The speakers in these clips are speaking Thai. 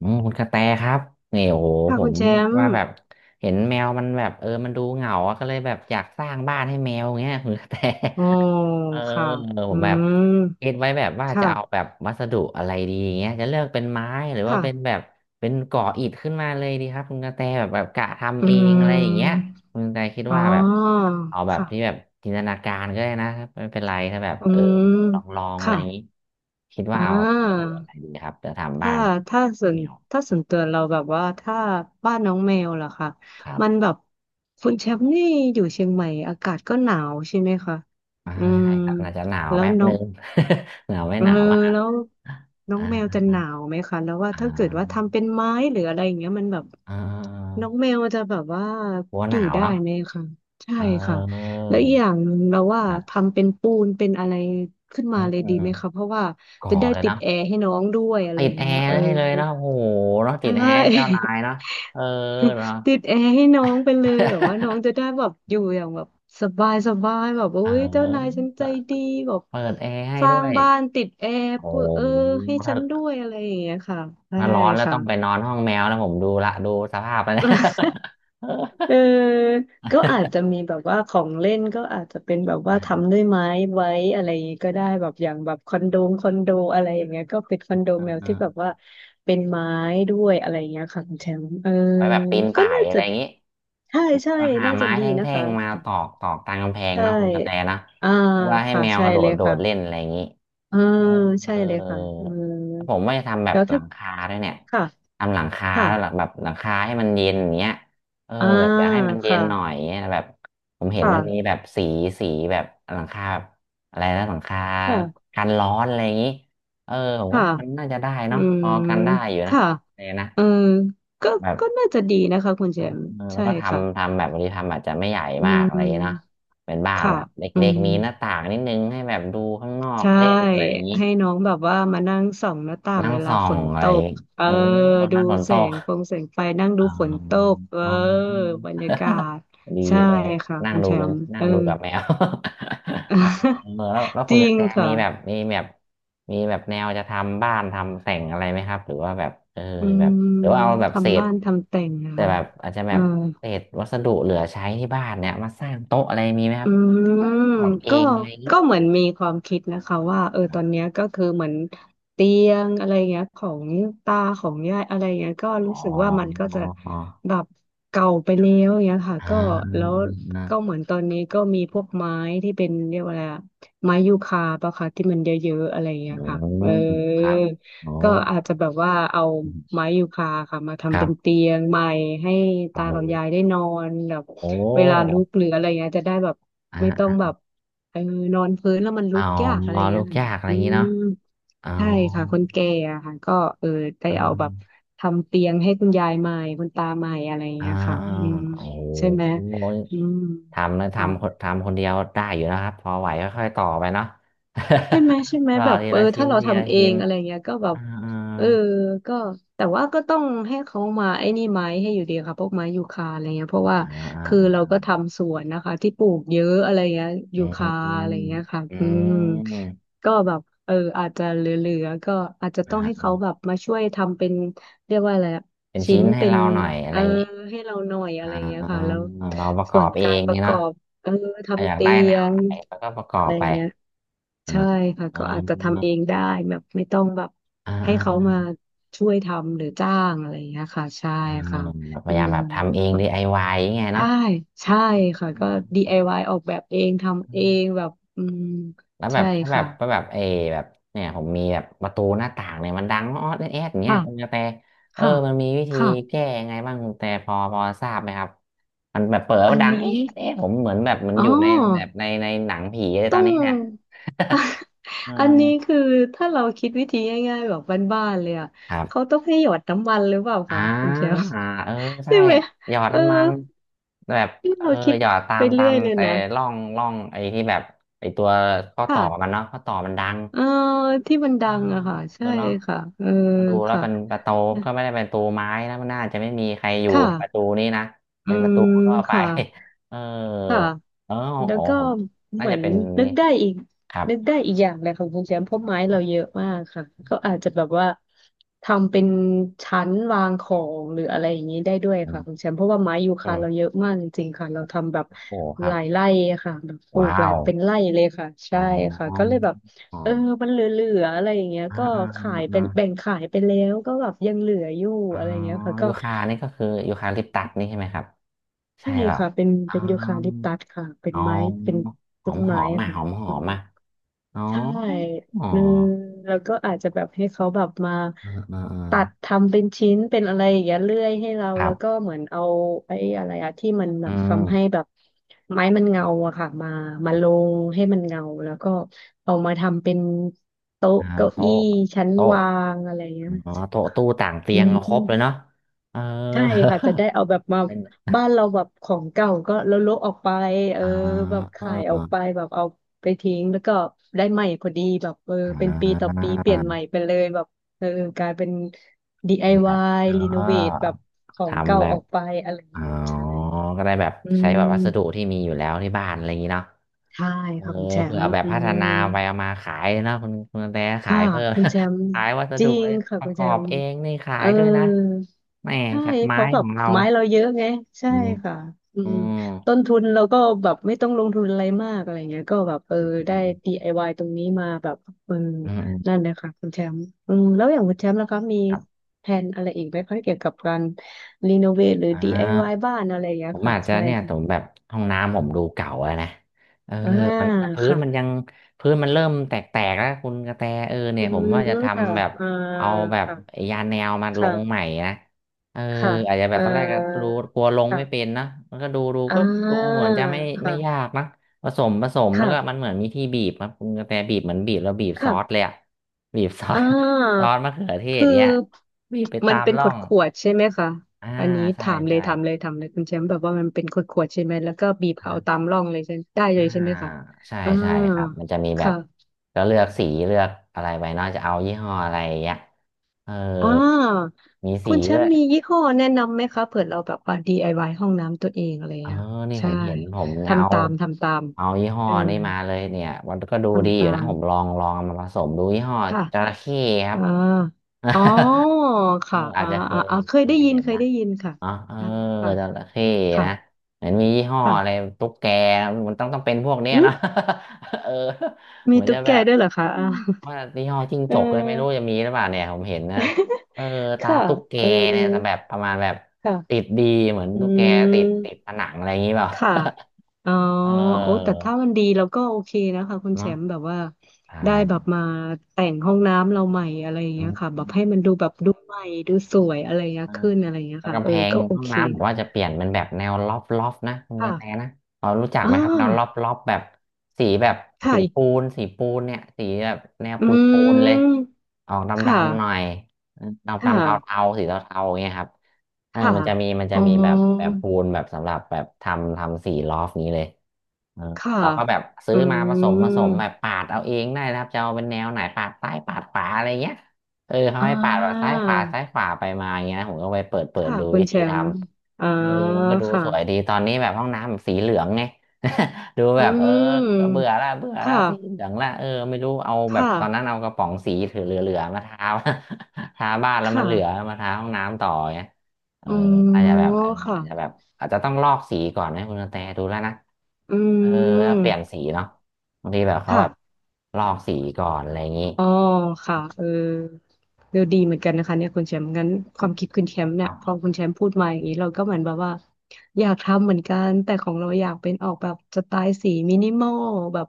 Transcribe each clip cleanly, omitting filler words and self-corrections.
คุณกระแตครับนี่โอ้โหค่ะผคุมณแชมป์ว่าแบบเห็นแมวมันแบบมันดูเหงาอะก็เลยแบบอยากสร้างบ้านให้แมวเงี้ยคุณกระแต โอ้อ เออค่ะผอืมแบบมคิดไว้แบบว่าจะเอาค่ะแบบวัสดุอะไรดีเงี้ยจะเลือกเป็นไม้หรือว่าค่ะเป็นแบบเป็นก่ออิฐขึ้นมาเลยดีครับคุณกระแตแบบกะทำอืเองอะไรอย่างเงี้ยมคุณกระแตคิดอ๋อว่าแบบเอาแบบค่ะที่แบบจินตนาการก็ได้นะครับไม่เป็นไรถ้าแบบอืมลองอะไรค่ะอย่างงี้คิดอ่ว่าเอาวัสดุาอะไรดีครับจะทำบ้าถ้านให้ถ้าส่วนแมว ถ้าส่วนตัวเราแบบว่าถ้าบ้านน้องแมวล่ะค่ะครับมันแบบคุณแชมป์นี่อยู่เชียงใหม่อากาศก็หนาวใช่ไหมคะอ่าอืมใช่ครับอาจจะหนาวแล้วแป๊บน้อนึง ง หนาวไม่เอหอนาวมากแล้วน้ออ่างแมวจะหนาอ่าวไหมคะแล้วว่าอ่าถ้าเกิดว่าอ่าทำเป็นไม้หรืออะไรอย่างเงี้ยมันแบบเออน้องแมวจะแบบว่ากลัวอหยู่นาวได้เนาะไหมคะใช่เอค่ะอแล้วอีกอย่างหนึ่งเราว่าครับทำเป็นปูนเป็นอะไรขึ้นอืมามเลยอืดีมไหมคะเพราะว่าก่อจะได้เลยติดเนาะแอร์ให้น้องด้วยอะไรติอดย่างแอเงี้ยเอร์อได้เลยเนาะโอ้โหเนาะใชติดแอร์เจ้านาย่ เนาะเออเนาะ ติดแอร์ให้น้องไปเลยแบบว่าน้อง จะได้แบบอยู่อย่างแบบสบายสบายแบบโอ้เยเจ้านายออฉันใจดีแบบเปิดแอร์ให้สร้าด้วงยบ้านติดแอร์โอเพื่อเออ้ให้ฉัถ้านด้วยอะไรอย่างเงี้ยค่ะใช่ร้อนแล้วค่ะ ต้องไปนอนห้องแมวนะผมดูละดูสภาพไปแล้ว เออก็อาจจะมีแบบว่าของเล่นก็อาจจะเป็นแบบว่า ทำด้วยไม้ไว้อะไรอย่างงี้ก็ได้แบบอย่างแบบคอนโดอะไรอย่างเงี้ยก็เป็นคอนโดอ่แมวที่แบบา ว่าเป็นไม้ด้วยอะไรอย่างเงี้ยค่ะคุณแชมป์เออไว้แบบปีนก็ป่ายน่าอะไรจะ อย่างนี้ใช่แลใช่้วหาน่าจะไม้ดีแทนะ่คะงๆมาตอกตอกตามกำแพงใช่เนาะคุณกระแตนะอ่าแล้วก็ให้ค่ะแมวใช่กระโดเลดยโดค่ะดเล่นอะไรอย่างนี้เออเออใช่เอเลยค่ะเอออแล้วผมว่าจะทำแบบแล้วหลัถ้างคาด้วยเนี่ยค่ะทำหลังคาค่ะแล้วหลังแบบหลังคาให้มันเย็นอย่างเงี้ยเอออ่าแบบอยากให้มันเย็ค่ะนหน่อยเงี้ยแบบผมเห็นค่ะมันมีแบบสีสีแบบหลังคาแบบอะไรนะหลังคาค่ะกันร้อนอะไรอย่างนี้เออผมก็ค่ะน่ามันน่าจะได้อืเนาะพมอกันได้อยู่นะค่ะเลยนะเออก็แบบ ก็น่าจะดีนะคะคุณแชมป์เออแล้ใช่วก็ค่ะทำแบบบางทีทำอาจจะไม่ใหญ่อืมากอะไรอย่างเงี้ยเนาะมเป็นบ้านค่ะแบบเลอื็กม ๆมีหน้าต่างนิดนึงให้แบบดูข้างนอกใช่เล่นอะไรอย่างนี้ให้น้องแบบว่ามานั่งส่องหน้าต่างนั่งเวลาส่อฝงนอะไรตอกย่างงี้เออเออวันดูนั้นฝนตแสก งฟงแสงไฟนั่งดูอ๋อฝนตกเอออ๋อ บรรยากาศ ดีใช่เลยค่ะนั่งคุณดูแชเป็นมป์นั่เองอ ดูกับแมว เออ แล้วจคุณริกระงแตมีค่ะแบบมีแบบมีแบบแนวจะทำบ้านทำแต่งอะไรไหมครับหรือว่าแบบอืแบมบหรือว่าเอาแบบเศทำษบ้านทำแต่งนะแต่คะแบบอาจจะแบเออ บเศษวัสดุเหลือใช้ที่บ้านเนี่ยมาสร้างโต๊ะอะไรมีไหมครัอืบมขอบเอก็งอะไรอย่างงี้ก็เหมือนมีความคิดนะคะว่าเออครัตอนบเนี้ยก็คือเหมือนเตียงอะไรเงี้ยของตาของยายอะไรเงี้ยก็อ๋อรู้สึกว่ามันก็จะแบบเก่าไปแล้วเงี้ยค่ะอ่าก็อืแล้มวอืก็มเหมือนตอนนี้ก็มีพวกไม้ที่เป็นเรียกว่าอะไรอะไม้ยูคาปะคะที่มันเยอะๆอะไรอืเงี้ยค่ะมเออ อืมครับโอ้ก็อาจจะแบบว่าเอาไม้ยูคาค่ะมาคทำรัเป็บนเตียงใหม่ให้โอ้ ตากับยายได้นอนแบบโอเวลา้ลุกหรืออะไรเงี้ยจะได้แบบไม่ต้องอ่าแบบเออนอนพื้นแล้วมันอ๋ลุอกยากอะไรลูเงี้ยกค่ะยากอะไรออืย่างงี้มเนาะอ๋อใช่ค่ะคนแก่อะค่ะก็เออได้อ่เอาแบบาทำเตียงให้คุณยายใหม่คุณตาใหม่อะไรอ่าเงี้ยค่ะอ่าอืมโอ้ใช่ไหมโหอืมทำนะค่ะ ทำคนทำคนเดียวได้อยู่นะครับพอไหวก็ค่อยต่อไปเนาะ ใช่ไหม ต่อแบบทีเออละชิ้ถ้านเราทีละทำเอชิ้งนอะไรเงี้ยก็แบอ่บเออาก็แต่ว่าก็ต้องให้เขามาไอ้นี่ไม้ให้อยู่ดีค่ะพวกไม้ยูคาอะไรเงี้ยเพราะว่าอ่าอ่าคืออเรา่าก็ทำสวนนะคะที่ปลูกเยอะอะไรเงี้ยอืยูคาอะไรมเงี้ยค่ะอือืมมก็แบบเอออาจจะเหลือๆก็อาจจะต้อนะงฮะให้เขาแบบมาช่วยทำเป็นเรียกว่าอะไรอะเป็นชิ้ชิ้นนให้เป็นเราหน่อยอะเอไรออย่างงี้ให้เราหน่อยอะอ่าไรเงี้ยค่ะแล้วเราประกส่อวนบเอการงปนี่ระกอเนาะบ เอออทำยากเตีได้แนยวงไหนแล้วก็ประกออะบไรอไปย่างเงี้ยอ่าใช่ค่ะอ่ก็อาจจะทำาเองได้แบบไม่ต้องแบบอ่า ให้เขามาช่วยทำหรือจ้างอะไรอย่างเงี้ยค่ะใช่อ่าค่ะแบบพอืยายามมแบบทำเอง DIY อวายอย่างเงี้ยใช่เนาะใช่ค่ะก็ เอ DIY อวายออกแบบเองทำเองอแบบอืมแล้วแบใช่บถ้าแบบค่ะก็แบบเออแบบเนี่ยผมมีแบบประตูหน้าต่างเนี่ยมันดังออดแอดอย่างเงี้ยค่ะคุณกระแตเออค่ะมันมีวิธีค่ะแก้ยังไงบ้างคุณกระแต่พอทราบไหมครับมันแบบเปิดอัว่านดังนี้เอ๊ะเอ๊ะผมเหมือนแบบเหมันอ๋อ อยู่ในในหนังผีเลยตต้ออนง นี้เนี่ย เอันนี้ออคือถ้าเราคิดวิธีง่ายๆแบบบ้านๆเลยอ่ะ ครัเขาบ ต้องให้หยอดน้ำมันหรือเปล่าอ่าคะคุณเชล อ่าเออ ใช่ใช่ไหมหยอดเออน้ำมันแบบที่เออเราคิดหยอดตาไปมเรื่อยเลยแต่นะร่องไอ้ที่แบบไอ้ตัวข้อต่ค่ะอมันเนาะข้อต่อมันดังเออที่มันเอดัองเอะค่ะอใช่อเนาะค่ะเออมาดูแล้วค่ะเป็นประตูก็ไม่ได้เป็นประตูไม้นะมันน่าจะไม่มีใครอยู่ค่ะในประตูนี้นะอืเป็นประมตูทั่วไป ค่ะ เออค่ะ เออแล้วโอ้ก็ผมเหน่ามือจะนเป็นนึกนี่ได้อีกครับนึกได้อีกอย่างเลยค่ะคุณแชมป์เพราะไม้ครัเราเยบอะมากค่ะก็อาจจะแบบว่าทำเป็นชั้นวางของหรืออะไรอย่างนี้ได้ด้วยอืค่ะคุมณแชมป์เพราะว่าไม้ยูอืคาเราเยมอะมากจริงๆค่ะเราทำแบบโอ้คหรับลายไร่อะค่ะแบบปลูกว้าหลายวเป็นไร่เลยค่ะอ๋ใช่อค่ะก็เลยแบบอ๋อเออมันเหลือๆอะไรอย่างเงี้ยอ่าก็อ่าขายเป็อ่า นแบ่งขายไปแล้วก็แบบยังเหลืออยู่อ๋ออะไรอย่างเงี้ยค่ะก็ยูคานี่ก็คือยูคาลิปตัสนี่ใช่ไหมครับใช่ใช่เปล่าค่ะเป็นอ๋อเป็นยูคาลิปตัสค่ะเป็นอ๋อไม้เป็นหอต้มนหไม้อมอ่ะค่ะ หอมหอมอ่ะอ๋อใช่อ๋ออืมแล้วก็อาจจะแบบให้เขาแบบมาเออเออเออตัดทำเป็นชิ้นเป็นอะไรอย่างเงี้ยเลื่อยให้เราครัแล้วก็บเหมือนเอาไอ้อะไรอะที่มันแบอืบมทำให้แบบไม้มันเงาอะค่ะมามาลงให้มันเงาแล้วก็เอามาทำเป็นโต๊ะอ่าเก้าอี้โต๊ะชั้นโต๊ะวางอะไรเงี้ยอ๋อโต๊ะตู้ต่างเตีอืยงเอาครบเลยม เนาะเออ ใช่ค่ะจะได้เอาแบบมา เป็นบ้านเราแบบของเก่าก็แล้วลบออกไปเอออ่าแบบขายออกไปอแบบเอาไปทิ้งแล้วก็ได้ใหม่พอดีแบบเออ่เป็นปีต่อาปีเปลี่ยนใหม่ไปเลยแบบเออกลายเป็น เป็นแบบ DIY อ๋อรีโนเวทแบบของเก่าทำแบอบอกไปอะไรอย่างอ๋อเงี้ยใช่ก็ได้แบบอืใช้แบบวัสดุมที่มีอยู่แล้วที่บ้านอะไรอย่างนี้เนาะ ใช่เออค่ะคุณแชเผื่มอป์แบบอืพัฒนาม ไปเอามาขายนะคุณแต่ขาค่ะยเพิ่ม คุณแชมป์ ขายวัสจดุริงค่ะปคุระณกแชอบมป์เองนี่ขาเอยอด้วยนะแหม่ใช่จากเพไม้ราะแบขบองเราไม้เราเยอะไงใช่อืมค่ะอือืมมต้นทุนเราก็แบบไม่ต้องลงทุนอะไรมากอะไรเงี้ยก็แบบเอออืมได้ อื DIY ตรงนี้มาแบบเอออืมนั่นเลยค่ะคุณแชมป์อืมแล้วอย่างคุณแชมป์ล่ะคะมีครับแผนอะไรอีกไหมคะเกี่ยวกับการรีโนเวทหรือ อ่า DIY บ้านอะไรอย่างเงี้ผยมค่ะอาจจะใช่เนี่ยผมค่ะแบบห้องน้ำผมดูเก่าแล้วนะเอออ่ามันพื้นค่ะมันยังพื้นมันเริ่มแตกๆแล้วคุณกระแตเออเนี่อืยผมว่ามจะค่ะทำแบบอ่าเอาแบบค่ะยาแนวมาลงใหม่ค่ะ นะเออค่ะอาจจะแบเอ่บตอนแรกก็ดูอกลัวลงค่ะไม่เป็นนะมันก็ดูอ่ก็ดูาเหมือนจะไม่ไม่ยาค่ะกนะผสมแล้วก็มัค่ะนเหมือนมีที่บีบครับคุณกระแตบีบเหมือนบีบแล้วบีบซอสเลยค่ะอะบีบซออ่ส ซาอสมะเขือเทศคือเงี้ยบีบไปมัตานมเป็นร่ขอวดงขวดๆใช่ไหมคะ อ่าอันนี้ใช่ถามเลยใช่ ถามเลยถามเลยคุณแชมป์แบบว่ามันเป็นขวดขวดใช่ไหมแล้วก็บีบเอาตามร่องเลยใช่ได้เลอ่ายใช่ไหมคะใช่อ่าใช่ครับมันจะมีแบบค่ะก็เลือกสีเลือกอะไรไปเนอกจะเอายี่ห้ออะไรอย่างเงี้ยเอออ่ามีสีคุณแชด้วมยป์มียี่ห้อแนะนำไหมคะเผื่อเราแบบว่า DIY ห้องน้ำตัวเองอะไรอย่าเองอเงี้ยนี่ผใช่ มเห็นผมเนี่ยเอาทำตามทำตามเอายี่ห้อเออนี่มาเลยเนี่ยมันก็ดูดีทำอยู่ตานะมผมลองลองเอามาผสมดูยี่ห้อค่ะ จระเข้ครับ อ่าอ๋อ ค่ะอาอ่าจจะเคอ่ายอ่าเคเคยได้ยยินเห็นเคยนะ ได้ยินค่ะอ๋อเอออ่าค่ะจระเข้ค่ะนะเหมือนมียี่ห้อค่ะอะไรตุ๊กแกมันต้องเป็นพวกเนี้ยอืมเนาะ เออมีเหมือนตุ๊จะกแกแบบด้วยเหรอคะอือ่า มว่ายี่ห้อ จิ้งเออจกเลยไม่รู้จะมีหรือเปล่าเนี่ยผมเห็นนะเออตาค่ะตุ๊กแกเออเนี่ยแบบประมาณแบบติดค่ะดีเหมือนอืตุ๊กแกติดติดมผนังอะไรอย่างนี้เปล่า ค่ะอ๋อ โอ้แต่เออถ้ามันดีเราก็โอเคนะคะคุณแชเนาะมป์แบบว่าได้แบบใมาแต่งห้องน้ำเราใหม่อะไรอย่างเงี้ยค่ะแบบให้มันดูแบบดูใหม่ดูสวยอะไรอย่างเงี้ยช่ ขึ้นอะไรอย่างเงี้ยแล้วค่ะกำเอแพองก็โอห้องเคน้ำผมว่าจะเปลี่ยนเป็นแบบแนวล็อฟล็อฟนะคุณกค่ะระแตนะพอรู้จักอ่ไหมครับแนวล็อฟาล้อฟแบบสีแบบสีค่ะปูนสีปูนเนี่ยสีแบบแนวอืปูนปูนเลยม ออกดค่ะำๆหน่อยดำค่ะดำเทาๆสีเทาๆอย่างเงี้ยครับค่ะมันจะมีมันจะอ๋อมีแบบแบบปูนแบบสำหรับแบบทำทำสีล็อฟนี้เลยเออค่ะเราก็แบบซื้อือมาผสมผสมมแบบปาดเอาเองได้นะครับจะเอาเป็นแนวไหนปาดซ้ายปาดขวาอะไรเงี้ย เขาอ่ให้ปาดแบบซ้ายาขวาซ้ายขวาไปมาอย่างเงี้ยผมก็ไปเปิดเปิดค่ะดูคุวิณแชธีทมป์อ่าำก็ดูค่ะสวยดีตอนนี้แบบห้องน้ำแบบสีเหลืองไง ดูอืแบบก็เบื่อมละเบื่อคละสีเห่ะลืองละไม่รู้เอาแบบค่ะตอนนั้นเอากระป๋องสีถือเหลือๆมาทา ทาบ้านแล้วมันค่ะเหลือมาทาห้องน้ำต่อเงี้ยเอออ๋อาจอจะแบบอาจจะแบค่ะบอาจจะต้องลอกสีก่อนนะคุณกระแตดูแล้วนะอืเออแล้วเปลี่ยนมสีเนาะบางทีแบบเขาค่ะ แบบลอกสีก่อนอะไรอย่างนี้ อ๋อค่ะเออเออดีเหมือนกันนะคะเนี่ยคุณแชมป์งั้นความคิดคุณแชมป์เนี่ยพอคุณแชมป์พูดมาอย่างนี้เราก็เหมือนแบบว่าอยากทำเหมือนกันแต่ของเราอยากเป็นออกแบบสไตล์สีมินิมอลแบบ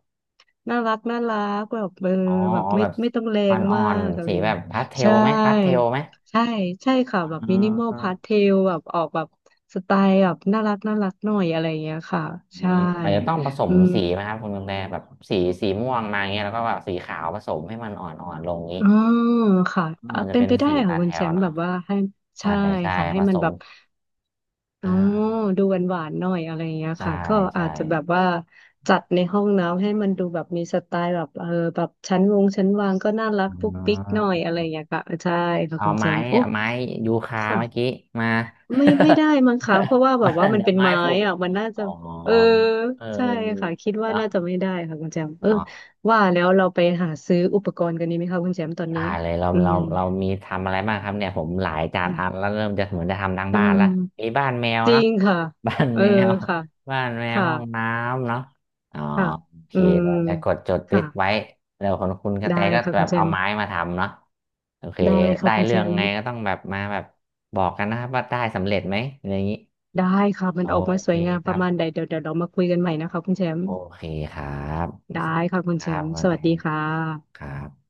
น่ารักน่ารักแบบเอออ๋อแบบอ๋อไม่แบบไม่ต้องแรงอ่อมานกอะๆไรสีอย่างแบเงี้ยบพาสเทลใช่ไหมพาสเทลไหมใช่ใช่ค่ะแบบอ่ามินิมอลพาสเทลแบบออกแบบสไตล์แบบน่ารักน่ารักหน่อยอะไรอย่างเงี้ยค่ะอืใช่มอาจจะต้องผสมอืม สีไหมครับคุณกระแตแบบสีม่วงมาอย่างเงี้ยแล้วก็แบบสีขาวผสมให้มันอ่อนๆลงนี้อ๋อค่ะอืมมันจะเป็นเป็นไปได้สีค่ะพาสคุเทณแชลมป์แบเนาะบว่าให้ใช่ใช่ใช่ค่ะให้ผมัสนแบมบอ่อ๋อาดูหวานหวานหน่อยอะไรอย่างเงี้ยใช่ค่ะก็อาใช่จจะแบบว่าจัดในห้องน้ำให้มันดูแบบมีสไตล์แบบเออแบบชั้นวงชั้นวางก็น่ารักอืปุ๊กปิ๊กหน่อยมอะไรอย่างเงี้ยค่ะใช่ค่ะเอาคุณแชไม้มป์โอ้ไม้ยูคาเมื่อกี้ค่ะมา ไม่ไม่ได้มั้งคะเพราะว่า แบมาบว่ามันเดี๋ยวเป็นไม้ไม้ผูกอ่ะมันน่าอ๋จะอเออเใช่ค่ะออคิดว่าเนาะ น่าจะไม่ได้ค่ะคุณแชมป์เออว่าแล้วเราไปหาซื้ออุปกรณ์กันดีไหมคะคุณแชมป์ตอนได้นี้เลยเราอืเราม เรามีทำอะไรบ้างครับเนี่ยผมหลายจัดอันแล้วเริ่มจะเหมือนจะทำทั้งเอบ้านละมีอบ้านแมวจริเนาะ งค่ะ บ้านเออแมวค่ะบ้านแมวค่ะห้องน้ำเนาะอ๋อค่ะโอเคอืมเดี๋ยวจะกดจดติค่ะสตไว้แล้วคนคุณกระได้แตก็ค่ะแบคุณบแชเอามป์ไม้มาทำเนาะโอเคได้ค่ะได้คุณแชเรื่องมไงป์ก็ต้องแบบมาแบบบอกกันนะครับว่าได้สำเร็จไหมอะไรอย่างนี้ได้ค่ะมัโอนออกมาสเควยงามคปรัระบมาณใดเดี๋ยวเดี๋ยวเรามาคุยกันใหม่นะคะคุณแชมโอป์เคครับได้ค่ะคุณคแชรับมคุป์ณกสระแตวัสดีค่ะครับ